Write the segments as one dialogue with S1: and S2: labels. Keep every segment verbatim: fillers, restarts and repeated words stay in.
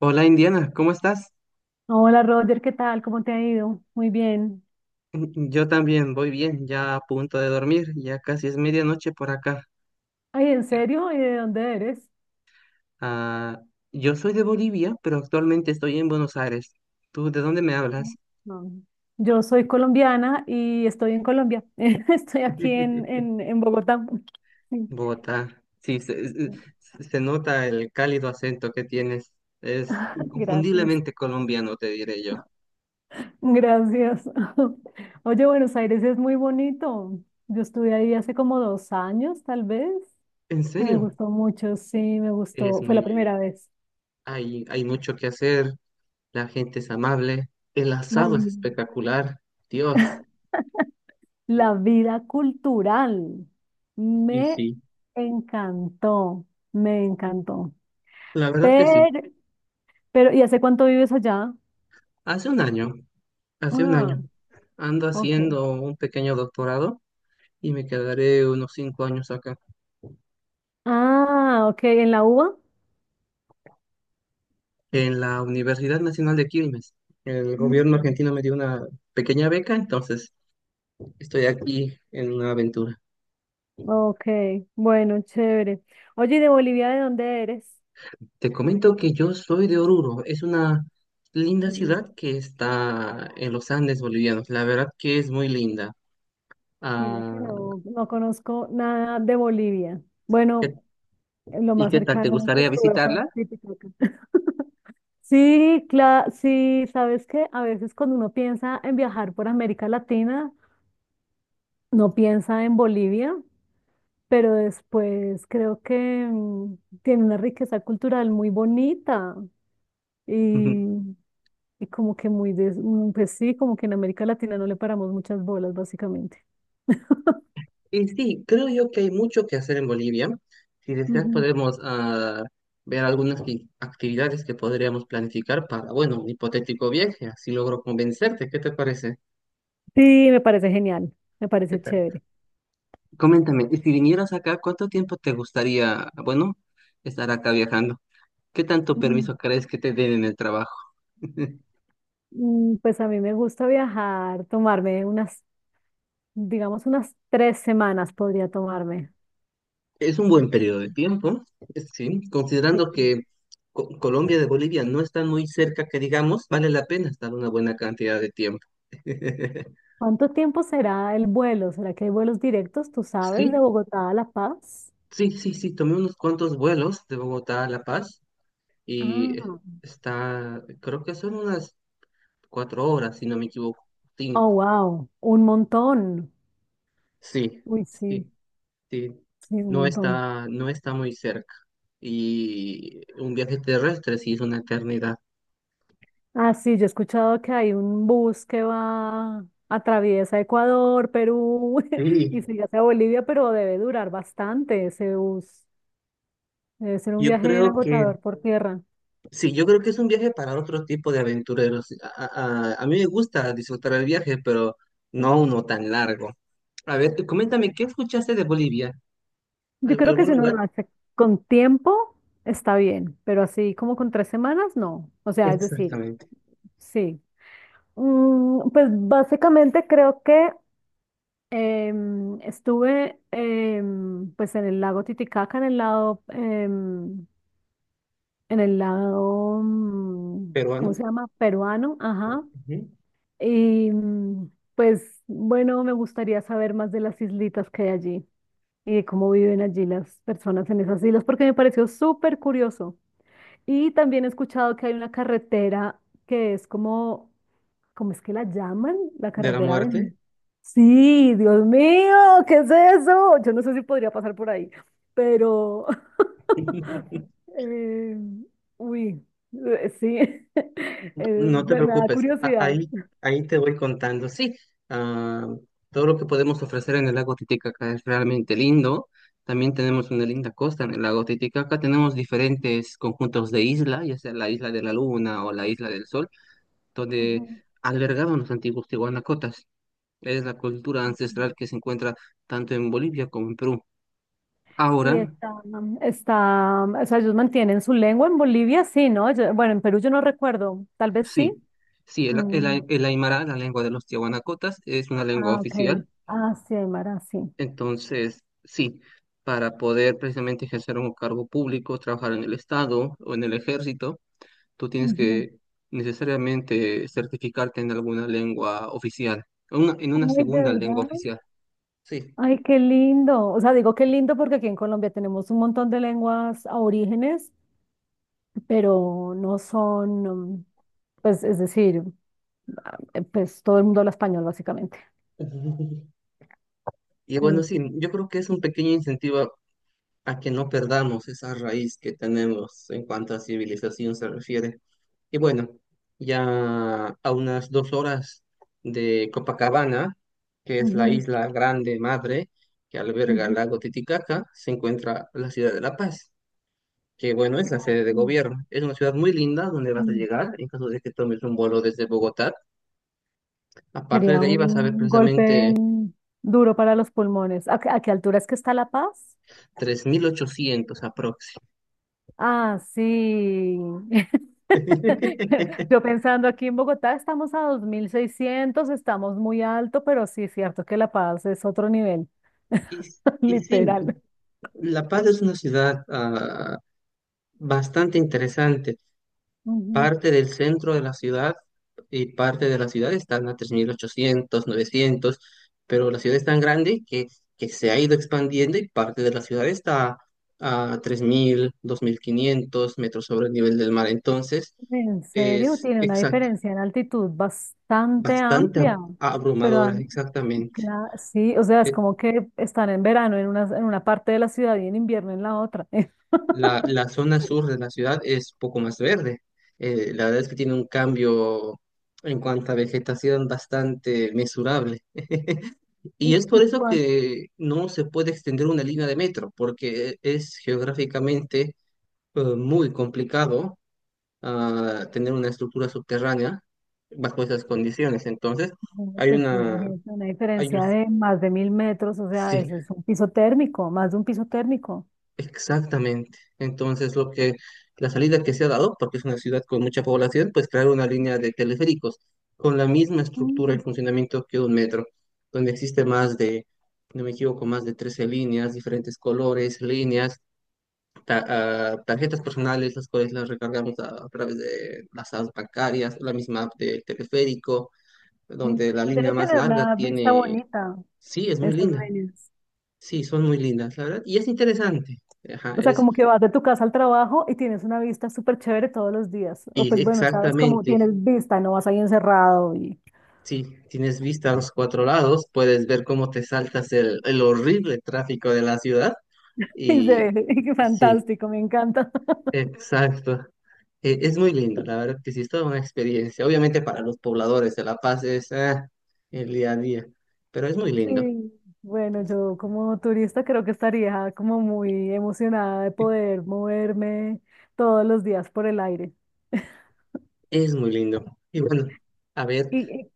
S1: Hola Indiana, ¿cómo estás?
S2: Hola Roger, ¿qué tal? ¿Cómo te ha ido? Muy bien.
S1: Mm, Yo también voy bien, ya a punto de dormir, ya casi es medianoche por acá.
S2: Ay, ¿en serio? ¿Y de dónde eres?
S1: Ah, yo soy de Bolivia, pero actualmente estoy en Buenos Aires. ¿Tú de dónde me hablas?
S2: No. Yo soy colombiana y estoy en Colombia. Estoy aquí en, en, en Bogotá. Sí.
S1: Bogotá. Sí, se, eh, se- se nota el cálido acento que tienes. Es
S2: Gracias.
S1: inconfundiblemente colombiano, te diré yo.
S2: Gracias. Oye, Buenos Aires es muy bonito. Yo estuve ahí hace como dos años, tal vez,
S1: ¿En
S2: y me
S1: serio?
S2: gustó mucho. Sí, me
S1: Es
S2: gustó. Fue
S1: muy
S2: la
S1: lindo.
S2: primera vez.
S1: Hay, hay mucho que hacer, la gente es amable, el
S2: Ah,
S1: asado es
S2: bien.
S1: espectacular. Dios. Y
S2: La vida cultural.
S1: y
S2: Me
S1: sí.
S2: encantó, me encantó.
S1: La verdad que sí.
S2: Pero, pero, ¿y hace cuánto vives allá?
S1: Hace un año, hace un
S2: Ah,
S1: año, ando
S2: ok.
S1: haciendo un pequeño doctorado y me quedaré unos cinco años acá,
S2: Ah, ok, ¿en la UBA?
S1: en la Universidad Nacional de Quilmes. El gobierno
S2: Mm,
S1: argentino me dio una pequeña beca, entonces estoy aquí en una aventura.
S2: ok, bueno, chévere. Oye, ¿y de Bolivia de dónde eres?
S1: Te comento que yo soy de Oruro, es una linda
S2: Mm,
S1: ciudad que está en los Andes bolivianos. La verdad que es muy linda.
S2: Mira que
S1: Ah,
S2: no, no conozco nada de Bolivia.
S1: ¿qué-
S2: Bueno, lo
S1: ¿Y
S2: más
S1: qué tal? ¿Te
S2: cercano que
S1: gustaría
S2: estuve fue
S1: visitarla?
S2: en Titicaca. Sí, claro, sí, sabes que a veces cuando uno piensa en viajar por América Latina, no piensa en Bolivia, pero después creo que mm, tiene una riqueza cultural muy bonita y, y como que muy, des- mm, pues sí, como que en América Latina no le paramos muchas bolas, básicamente.
S1: Y sí, creo yo que hay mucho que hacer en Bolivia. Si deseas,
S2: Ujú.
S1: podemos ah, ver algunas i- actividades que podríamos planificar para, bueno, un hipotético viaje, así logro convencerte. ¿Qué te parece?
S2: Sí, me parece genial, me
S1: ¿Qué
S2: parece
S1: tal?
S2: chévere.
S1: Coméntame, y si vinieras acá, ¿cuánto tiempo te gustaría, bueno, estar acá viajando? ¿Qué tanto
S2: Mm,
S1: permiso crees que te den en el trabajo?
S2: mm, Pues a mí me gusta viajar, tomarme unas, digamos, unas tres semanas podría tomarme.
S1: Es un buen periodo de tiempo, es- sí, considerando que Co- Colombia de Bolivia no están muy cerca, que digamos, vale la pena estar una buena cantidad de tiempo.
S2: ¿Cuánto tiempo será el vuelo? ¿Será que hay vuelos directos, tú sabes, de
S1: Sí,
S2: Bogotá a La Paz?
S1: sí, sí, sí, tomé unos cuantos vuelos de Bogotá a La Paz y eh,
S2: Ah,
S1: está, creo que son unas cuatro horas, si no me equivoco,
S2: oh,
S1: cinco.
S2: wow, un montón.
S1: Sí,
S2: Uy, sí,
S1: sí, sí,
S2: sí, un
S1: no
S2: montón.
S1: está, no está muy cerca. Y un viaje terrestre sí es una eternidad.
S2: Ah, sí, yo he escuchado que hay un bus que va, atraviesa Ecuador, Perú y
S1: Sí,
S2: sigue hacia Bolivia, pero debe durar bastante ese bus. Debe ser un
S1: yo
S2: viaje bien
S1: creo que,
S2: agotador por tierra.
S1: sí, yo creo que es un viaje para otro tipo de aventureros. A, a- a mí me gusta disfrutar el viaje, pero no uno tan largo. A ver, tú coméntame, ¿qué escuchaste de Bolivia?
S2: Yo
S1: al-
S2: creo que
S1: algún
S2: si uno
S1: lugar.
S2: lo hace con tiempo, está bien, pero así como con tres semanas, no. O sea, es decir,
S1: Exactamente.
S2: sí. Mm, pues básicamente creo que em, estuve em, pues en el lago Titicaca, en el lado, em, en el lado, mm, ¿cómo
S1: Peruano,
S2: se llama? Peruano, ajá.
S1: ujú,
S2: Y mm, pues bueno, me gustaría saber más de las islitas que hay allí y de cómo viven allí las personas en esas islas, porque me pareció súper curioso. Y también he escuchado que hay una carretera que es como. ¿Cómo es que la llaman? La
S1: de la
S2: carretera de.
S1: muerte.
S2: Sí, Dios mío, ¿qué es eso? Yo no sé si podría pasar por ahí, pero. eh, uy, eh, sí. eh,
S1: No te
S2: me me da
S1: preocupes, a-
S2: curiosidad.
S1: ahí, ahí te voy contando. Sí, ah, todo lo que podemos ofrecer en el lago Titicaca es realmente lindo. También tenemos una linda costa en el lago Titicaca. Tenemos diferentes conjuntos de isla, ya sea la isla de la Luna o la isla del Sol, donde
S2: Ujú.
S1: albergaban los antiguos tihuanacotas. Es la cultura ancestral que se encuentra tanto en Bolivia como en Perú.
S2: Y
S1: Ahora
S2: está, está, o sea, ellos mantienen su lengua en Bolivia, sí, ¿no? Yo- bueno, en Perú yo no recuerdo, tal vez
S1: sí,
S2: sí.
S1: sí, el,
S2: Mm,
S1: el el aymara, la lengua de los tiahuanacotas, es una lengua
S2: Ah, ok.
S1: oficial.
S2: Ah, sí, Aymara, sí.
S1: Entonces, sí, para poder precisamente ejercer un cargo público, trabajar en el Estado o en el ejército, tú tienes
S2: Ujú.
S1: que necesariamente certificarte en alguna lengua oficial, en una, en una
S2: Ay, de
S1: segunda lengua
S2: verdad.
S1: oficial. Sí.
S2: Ay, qué lindo. O sea, digo qué lindo porque aquí en Colombia tenemos un montón de lenguas aborígenes, pero no son, um, pues, es decir, eh, pues todo el mundo habla español básicamente.
S1: Ujú. Y bueno,
S2: Mm,
S1: sí, yo creo que es un pequeño incentivo a que no perdamos esa raíz que tenemos en cuanto a civilización se refiere. Y bueno, ya a unas dos horas de Copacabana, que es la
S2: ujú,
S1: isla grande madre que alberga el
S2: ujú,
S1: lago Titicaca, se encuentra la ciudad de La Paz, que bueno, es la sede de
S2: ujú,
S1: gobierno. Es una ciudad muy linda donde vas a
S2: ujú.
S1: llegar en caso de que tomes un vuelo desde Bogotá. Aparte
S2: Sería
S1: de ahí vas a ver
S2: un golpe
S1: precisamente
S2: duro para los pulmones. ¿A, qué a qué altura es que está La Paz?
S1: tres mil ochocientos aprox.
S2: Ah, sí. Yo pensando aquí en Bogotá estamos a dos mil seiscientos, estamos muy alto, pero sí es cierto que La Paz es otro nivel.
S1: Y, y sí,
S2: literal.
S1: La Paz es una ciudad, ah, bastante interesante.
S2: Ujú.
S1: Parte del centro de la ciudad y parte de la ciudad están a tres mil ochocientos novecientos, pero la ciudad es tan grande que, que se ha ido expandiendo y parte de la ciudad está a tres mil dos mil quinientos metros sobre el nivel del mar. Entonces,
S2: En serio,
S1: es
S2: tiene una
S1: exacto,
S2: diferencia en altitud bastante
S1: bastante ab-
S2: amplia, pero
S1: abrumadora,
S2: am-
S1: exactamente.
S2: cla- sí, o sea, es
S1: Eh,
S2: como que están en verano en una, en una parte de la ciudad y en invierno en la otra.
S1: La, la zona sur de la ciudad es poco más verde. Eh, la verdad es que tiene un cambio en cuanto a vegetación bastante mesurable. Y
S2: Y,
S1: es por
S2: y
S1: eso
S2: cuando,
S1: que no se puede extender una línea de metro, porque es geográficamente eh, muy complicado, ah, tener una estructura subterránea bajo esas condiciones. Entonces, hay
S2: pues
S1: una,
S2: imagínate una
S1: hay un-
S2: diferencia de más de mil metros, o sea,
S1: sí,
S2: eso es un piso térmico, más de un piso térmico.
S1: exactamente. Entonces, lo que, la salida que se ha dado, porque es una ciudad con mucha población, pues crear una línea de teleféricos con la misma estructura y
S2: Mm,
S1: funcionamiento que un metro, donde existe más de, si no me equivoco, más de trece líneas, diferentes colores, líneas, ta- ah, tarjetas personales, las cuales las recargamos a, a través de las apps bancarias, la misma app del teleférico,
S2: sí.
S1: donde la línea
S2: Debe
S1: más
S2: tener
S1: larga
S2: una vista
S1: tiene,
S2: bonita,
S1: sí, es muy
S2: esas
S1: linda,
S2: líneas.
S1: sí, son muy lindas, la verdad, y es interesante, ajá,
S2: O sea,
S1: es,
S2: como que vas de tu casa al trabajo y tienes una vista súper chévere todos los días. O
S1: y
S2: pues bueno, sabes, como
S1: exactamente,
S2: tienes vista, no vas ahí encerrado y,
S1: sí, tienes vista a los cuatro lados, puedes ver cómo te saltas el, el horrible tráfico de la ciudad,
S2: y se
S1: y
S2: ve
S1: sí,
S2: fantástico, me encanta.
S1: exacto. Eh, es muy lindo, la verdad que sí, es toda una experiencia. Obviamente para los pobladores de La Paz es ah, el día a día, pero es muy lindo.
S2: Sí, bueno, yo como turista creo que estaría como muy emocionada de poder moverme todos los días por el aire.
S1: Es muy lindo. Y bueno, a ver,
S2: ¿Y, y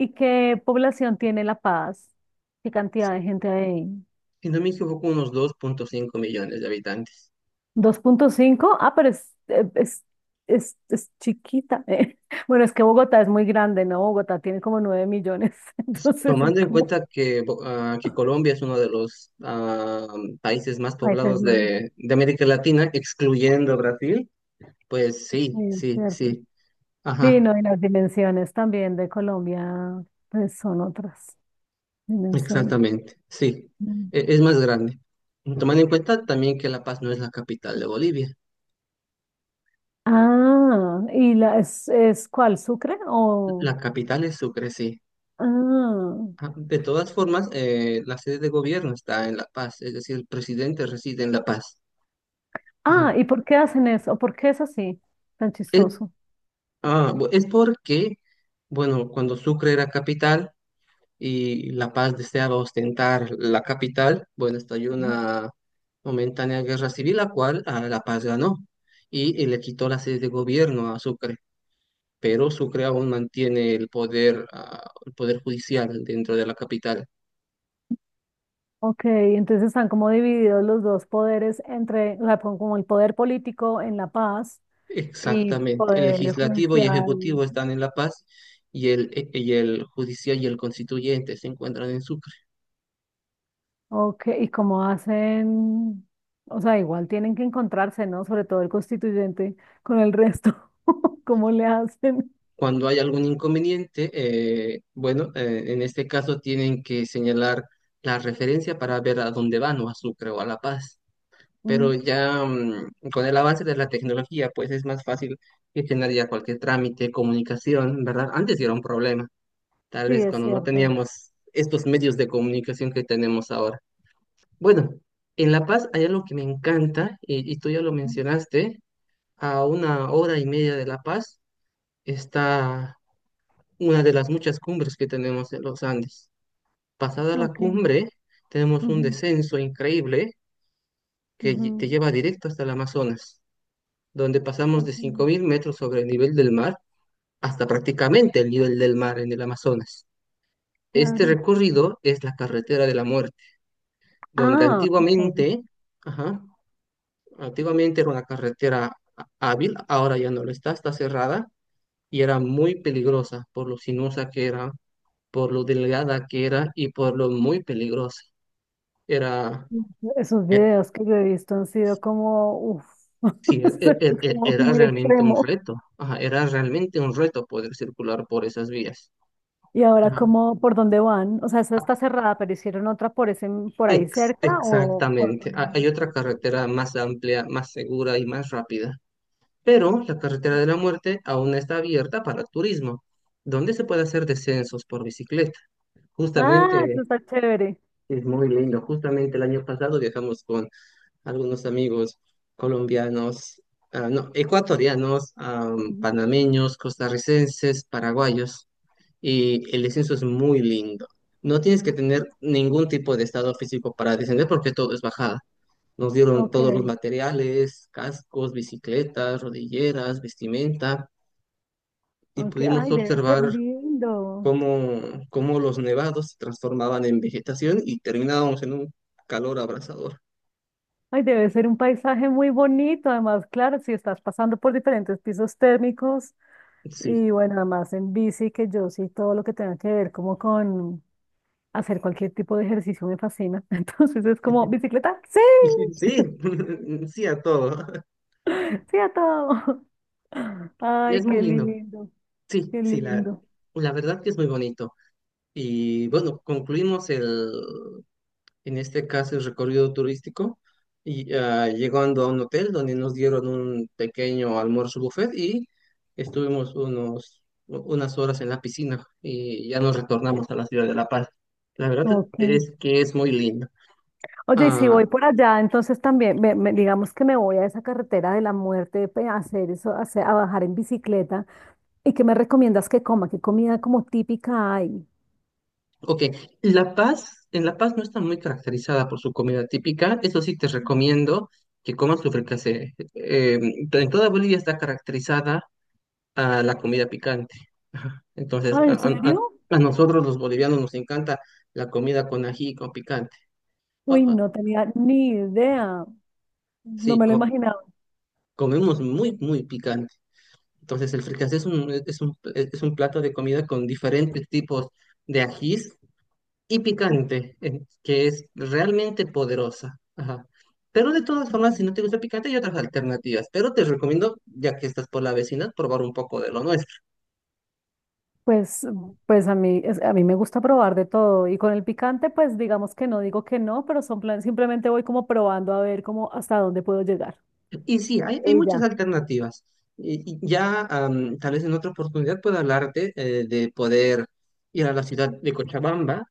S2: y qué población tiene La Paz? ¿Qué cantidad
S1: si,
S2: de gente hay?
S1: si no me equivoco, unos dos punto cinco millones de habitantes.
S2: Dos punto cinco. Ah, pero es, eh, es, es, es chiquita. eh. Bueno, es que Bogotá es muy grande, ¿no? Bogotá tiene como nueve millones, entonces es
S1: Tomando en
S2: como
S1: cuenta que, Bo- ah, que Colombia es uno de los ah, países más
S2: países
S1: poblados
S2: más,
S1: de, de América Latina, excluyendo Brasil, pues sí,
S2: eh,
S1: sí,
S2: ¿cierto?
S1: sí.
S2: Sí, no,
S1: Ajá.
S2: y las dimensiones también de Colombia, pues son otras dimensiones.
S1: Exactamente, sí,
S2: Mm.
S1: e- es más grande. Tomando en cuenta también que La Paz no es la capital de Bolivia,
S2: Ah, ¿y la, es, es cuál, Sucre
S1: la
S2: o?
S1: capital es Sucre, sí.
S2: Ah,
S1: Ah, de todas formas, eh, la sede de gobierno está en La Paz, es decir, el presidente reside en La Paz. Ajá.
S2: ah, ¿y por qué hacen eso? ¿Por qué es así, tan
S1: Es,
S2: chistoso?
S1: ah, bu- es porque, bueno, cuando Sucre era capital y La Paz deseaba ostentar la capital, bueno, estalló una momentánea guerra civil, la cual ah, La Paz ganó y, y le quitó la sede de gobierno a Sucre. Pero Sucre aún mantiene el poder, ah, el poder judicial dentro de la capital.
S2: Ok, entonces están como divididos los dos poderes entre, o sea, como como el poder político en La Paz y
S1: Exactamente. El
S2: poder
S1: legislativo y
S2: judicial.
S1: ejecutivo están en La Paz y el, e- y el judicial y el constituyente se encuentran en Sucre.
S2: Ok, y cómo hacen, o sea, igual tienen que encontrarse, ¿no? Sobre todo el constituyente con el resto. ¿Cómo le hacen?
S1: Cuando hay algún inconveniente, eh, bueno, eh, en este caso tienen que señalar la referencia para ver a dónde van o a Sucre o a La Paz.
S2: Mm,
S1: Pero ya mm, con el avance de la tecnología, pues es más fácil gestionar ya cualquier trámite, comunicación, ¿verdad? Antes sí era un problema. Tal
S2: sí,
S1: vez
S2: es
S1: cuando no
S2: cierto.
S1: teníamos estos medios de comunicación que tenemos ahora. Bueno, en La Paz hay algo que me encanta, y, y tú ya lo
S2: Ujú.
S1: mencionaste. A una hora y media de La Paz está una de las muchas cumbres que tenemos en los Andes. Pasada la
S2: Ok.
S1: cumbre, tenemos un
S2: Ujú,
S1: descenso increíble que lle- te
S2: ujú,
S1: lleva directo hasta el Amazonas, donde pasamos
S2: ok.
S1: de cinco mil metros sobre el nivel del mar hasta prácticamente el nivel del mar en el Amazonas. Este
S2: Claro.
S1: recorrido es la carretera de la muerte, donde
S2: Ah, ok.
S1: antiguamente, ajá, antiguamente era una carretera há- hábil. Ahora ya no lo está, está cerrada, y era muy peligrosa por lo sinuosa que era, por lo delgada que era y por lo muy peligrosa. Era,
S2: Esos
S1: eh,
S2: videos que yo he visto han sido como, uff,
S1: sí, e- e- e- e, era
S2: muy
S1: realmente un
S2: extremo.
S1: reto, ajá, era realmente un reto poder circular por esas vías.
S2: Y ahora
S1: Ajá.
S2: como, ¿por dónde van? O sea, esa
S1: Ah,
S2: está cerrada, pero hicieron otra por ese, por ahí
S1: ex-
S2: cerca o por otro
S1: Exactamente. Ah,
S2: lado
S1: hay otra
S2: distinto.
S1: carretera más amplia, más segura y más rápida. Pero la carretera de la muerte aún está abierta para turismo, donde se puede hacer descensos por bicicleta.
S2: Ah, eso
S1: Justamente
S2: está chévere.
S1: es muy lindo. Justamente el año pasado viajamos con algunos amigos colombianos, ah, no, ecuatorianos, am,
S2: Ujú.
S1: panameños, costarricenses, paraguayos, y el descenso es muy lindo. No tienes que tener ningún tipo de estado físico para descender porque todo es bajada. Nos dieron
S2: Ok,
S1: todos los materiales: cascos, bicicletas, rodilleras, vestimenta, y
S2: ok.
S1: pudimos
S2: Ay, debe ser
S1: observar
S2: lindo.
S1: cómo, cómo los nevados se transformaban en vegetación y terminábamos en un calor abrasador.
S2: Ay, debe ser un paisaje muy bonito. Además, claro, si estás pasando por diferentes pisos térmicos y
S1: Sí,
S2: bueno, además en bici, que yo sí todo lo que tenga que ver como con hacer cualquier tipo de ejercicio me fascina. Entonces es como, ¿bicicleta? Sí,
S1: sí, sí a todo.
S2: sí a todo. Ay,
S1: Es muy
S2: qué
S1: lindo.
S2: lindo,
S1: Sí,
S2: qué
S1: sí, la,
S2: lindo.
S1: la verdad que es muy bonito. Y bueno, concluimos el, en este caso el recorrido turístico, y ah, llegando a un hotel donde nos dieron un pequeño almuerzo buffet, y estuvimos unos, unas horas en la piscina y ya nos retornamos a la ciudad de La Paz. La verdad
S2: Ok.
S1: es que es muy lindo.
S2: Oye, y si voy
S1: Ah,
S2: por allá, entonces también, me- me- digamos que me voy a esa carretera de la muerte pe- a hacer eso, a, hacer- a bajar en bicicleta. ¿Y qué me recomiendas que coma? ¿Qué comida como típica hay?
S1: ok, La Paz, en La Paz no está muy caracterizada por su comida típica. Eso sí te recomiendo que comas tu fricasé. Eh, en toda Bolivia está caracterizada a la comida picante. Ajá. Entonces,
S2: Ah,
S1: a,
S2: ¿en
S1: a- a-
S2: serio?
S1: a nosotros los bolivianos nos encanta la comida con ají y con picante. O-
S2: Uy,
S1: o-
S2: no tenía ni idea. No
S1: sí,
S2: me lo
S1: co-
S2: imaginaba.
S1: comemos muy, muy picante. Entonces, el fricasé es un, es un, es un plato de comida con diferentes tipos de ajís y picante, eh, que es realmente poderosa. Ajá. Pero de todas formas, si no te gusta picante, hay otras alternativas. Pero te recomiendo, ya que estás por la vecina, probar un poco de lo nuestro.
S2: Pues, pues a mí, es- a mí me gusta probar de todo y con el picante, pues digamos que no digo que no, pero son planes, simplemente voy como probando a ver cómo hasta dónde puedo llegar.
S1: Y sí, hay, hay muchas
S2: Ella.
S1: alternativas. Y- y ya am, tal vez en otra oportunidad pueda hablarte eh, de poder ir a la ciudad de Cochabamba,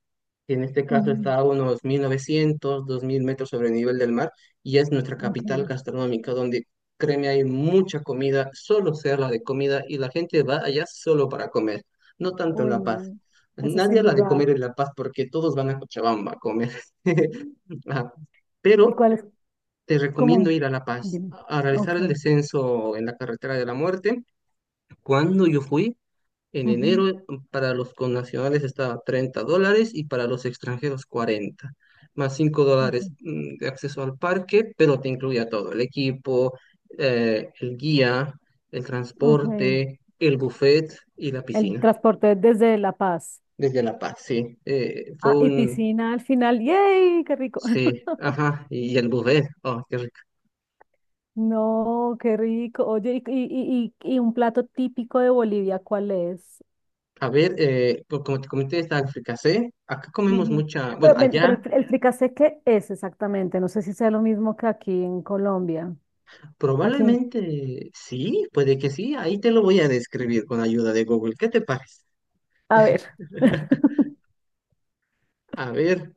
S1: que en este caso está a unos mil novecientos dos mil metros sobre el nivel del mar, y es nuestra capital
S2: Ok.
S1: gastronómica, donde créeme, hay mucha comida, solo se habla de comida, y la gente va allá solo para comer, no tanto en
S2: Uy,
S1: La Paz.
S2: no. Ese es
S1: Nadie
S2: el
S1: habla de
S2: lugar.
S1: comer en La Paz porque todos van a Cochabamba a comer. Ajá.
S2: ¿Y
S1: Pero
S2: cuál es
S1: te recomiendo
S2: como?
S1: ir a La Paz
S2: Dime.
S1: a a
S2: Ok.
S1: realizar el descenso en la carretera de la muerte. Cuando yo fui, en enero,
S2: Ujú,
S1: para los connacionales estaba treinta dólares y para los extranjeros cuarenta más cinco
S2: ok,
S1: dólares mm, de acceso al parque, pero te incluía todo: el equipo, eh, el guía, el
S2: ok.
S1: transporte, el buffet y la
S2: El
S1: piscina.
S2: transporte desde La Paz.
S1: Desde La Paz, sí. Eh, fue
S2: Ah, y
S1: un...
S2: piscina al final. ¡Yay! ¡Qué rico!
S1: Sí, ajá, y el buffet. Oh, qué...
S2: No, qué rico. Oye, y, y, y, y y un plato típico de Bolivia, ¿cuál es?
S1: A ver, eh, pues como te comenté, está África C. Acá comemos
S2: Ujú.
S1: mucha, bueno,
S2: Pero, ven, pero
S1: allá
S2: el, fri- el fricasé, ¿qué es exactamente? No sé si sea lo mismo que aquí en Colombia. Aquí, en-
S1: probablemente sí, puede que sí. Ahí te lo voy a describir con ayuda de Google. ¿Qué te parece?
S2: a ver.
S1: A ver,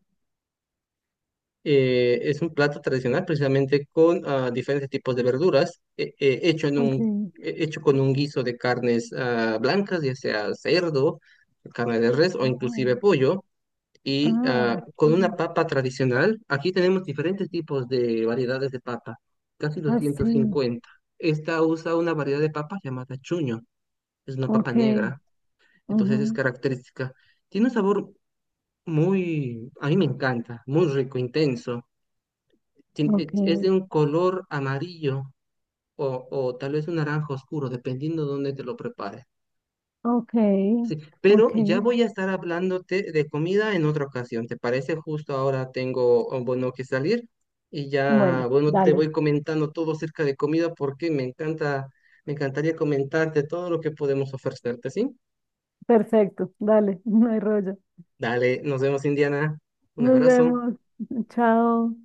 S1: eh, es un plato tradicional precisamente con, ah, diferentes tipos de verduras, eh, eh, hecho en un,
S2: Ok.
S1: eh, hecho con un guiso de carnes, ah, blancas, ya sea cerdo, carne de res o
S2: Ah,
S1: inclusive pollo. Y
S2: ah,
S1: ah, con una
S2: sí.
S1: papa tradicional. Aquí tenemos diferentes tipos de variedades de papa, casi
S2: Ah,
S1: doscientos
S2: sí.
S1: cincuenta. Esta usa una variedad de papa llamada chuño, es una papa
S2: Ok.
S1: negra, entonces es
S2: Ujú,
S1: característica. Tiene un sabor muy, a mí me encanta, muy rico, intenso. Tien- eh,
S2: ok.
S1: Es de un color amarillo o, o tal vez un naranja oscuro, dependiendo de dónde te lo prepares.
S2: Ok.
S1: Sí,
S2: Ok.
S1: pero ya voy a estar hablándote de comida en otra ocasión. ¿Te parece? Justo ahora tengo, oh, bueno, que salir, y ya,
S2: Bueno,
S1: bueno, te
S2: dale.
S1: voy comentando todo acerca de comida porque me encanta, me encantaría comentarte todo lo que podemos ofrecerte, ¿sí?
S2: Perfecto. Dale. No hay rollo.
S1: Dale, nos vemos, Indiana. Un
S2: Nos
S1: abrazo.
S2: vemos. Chao.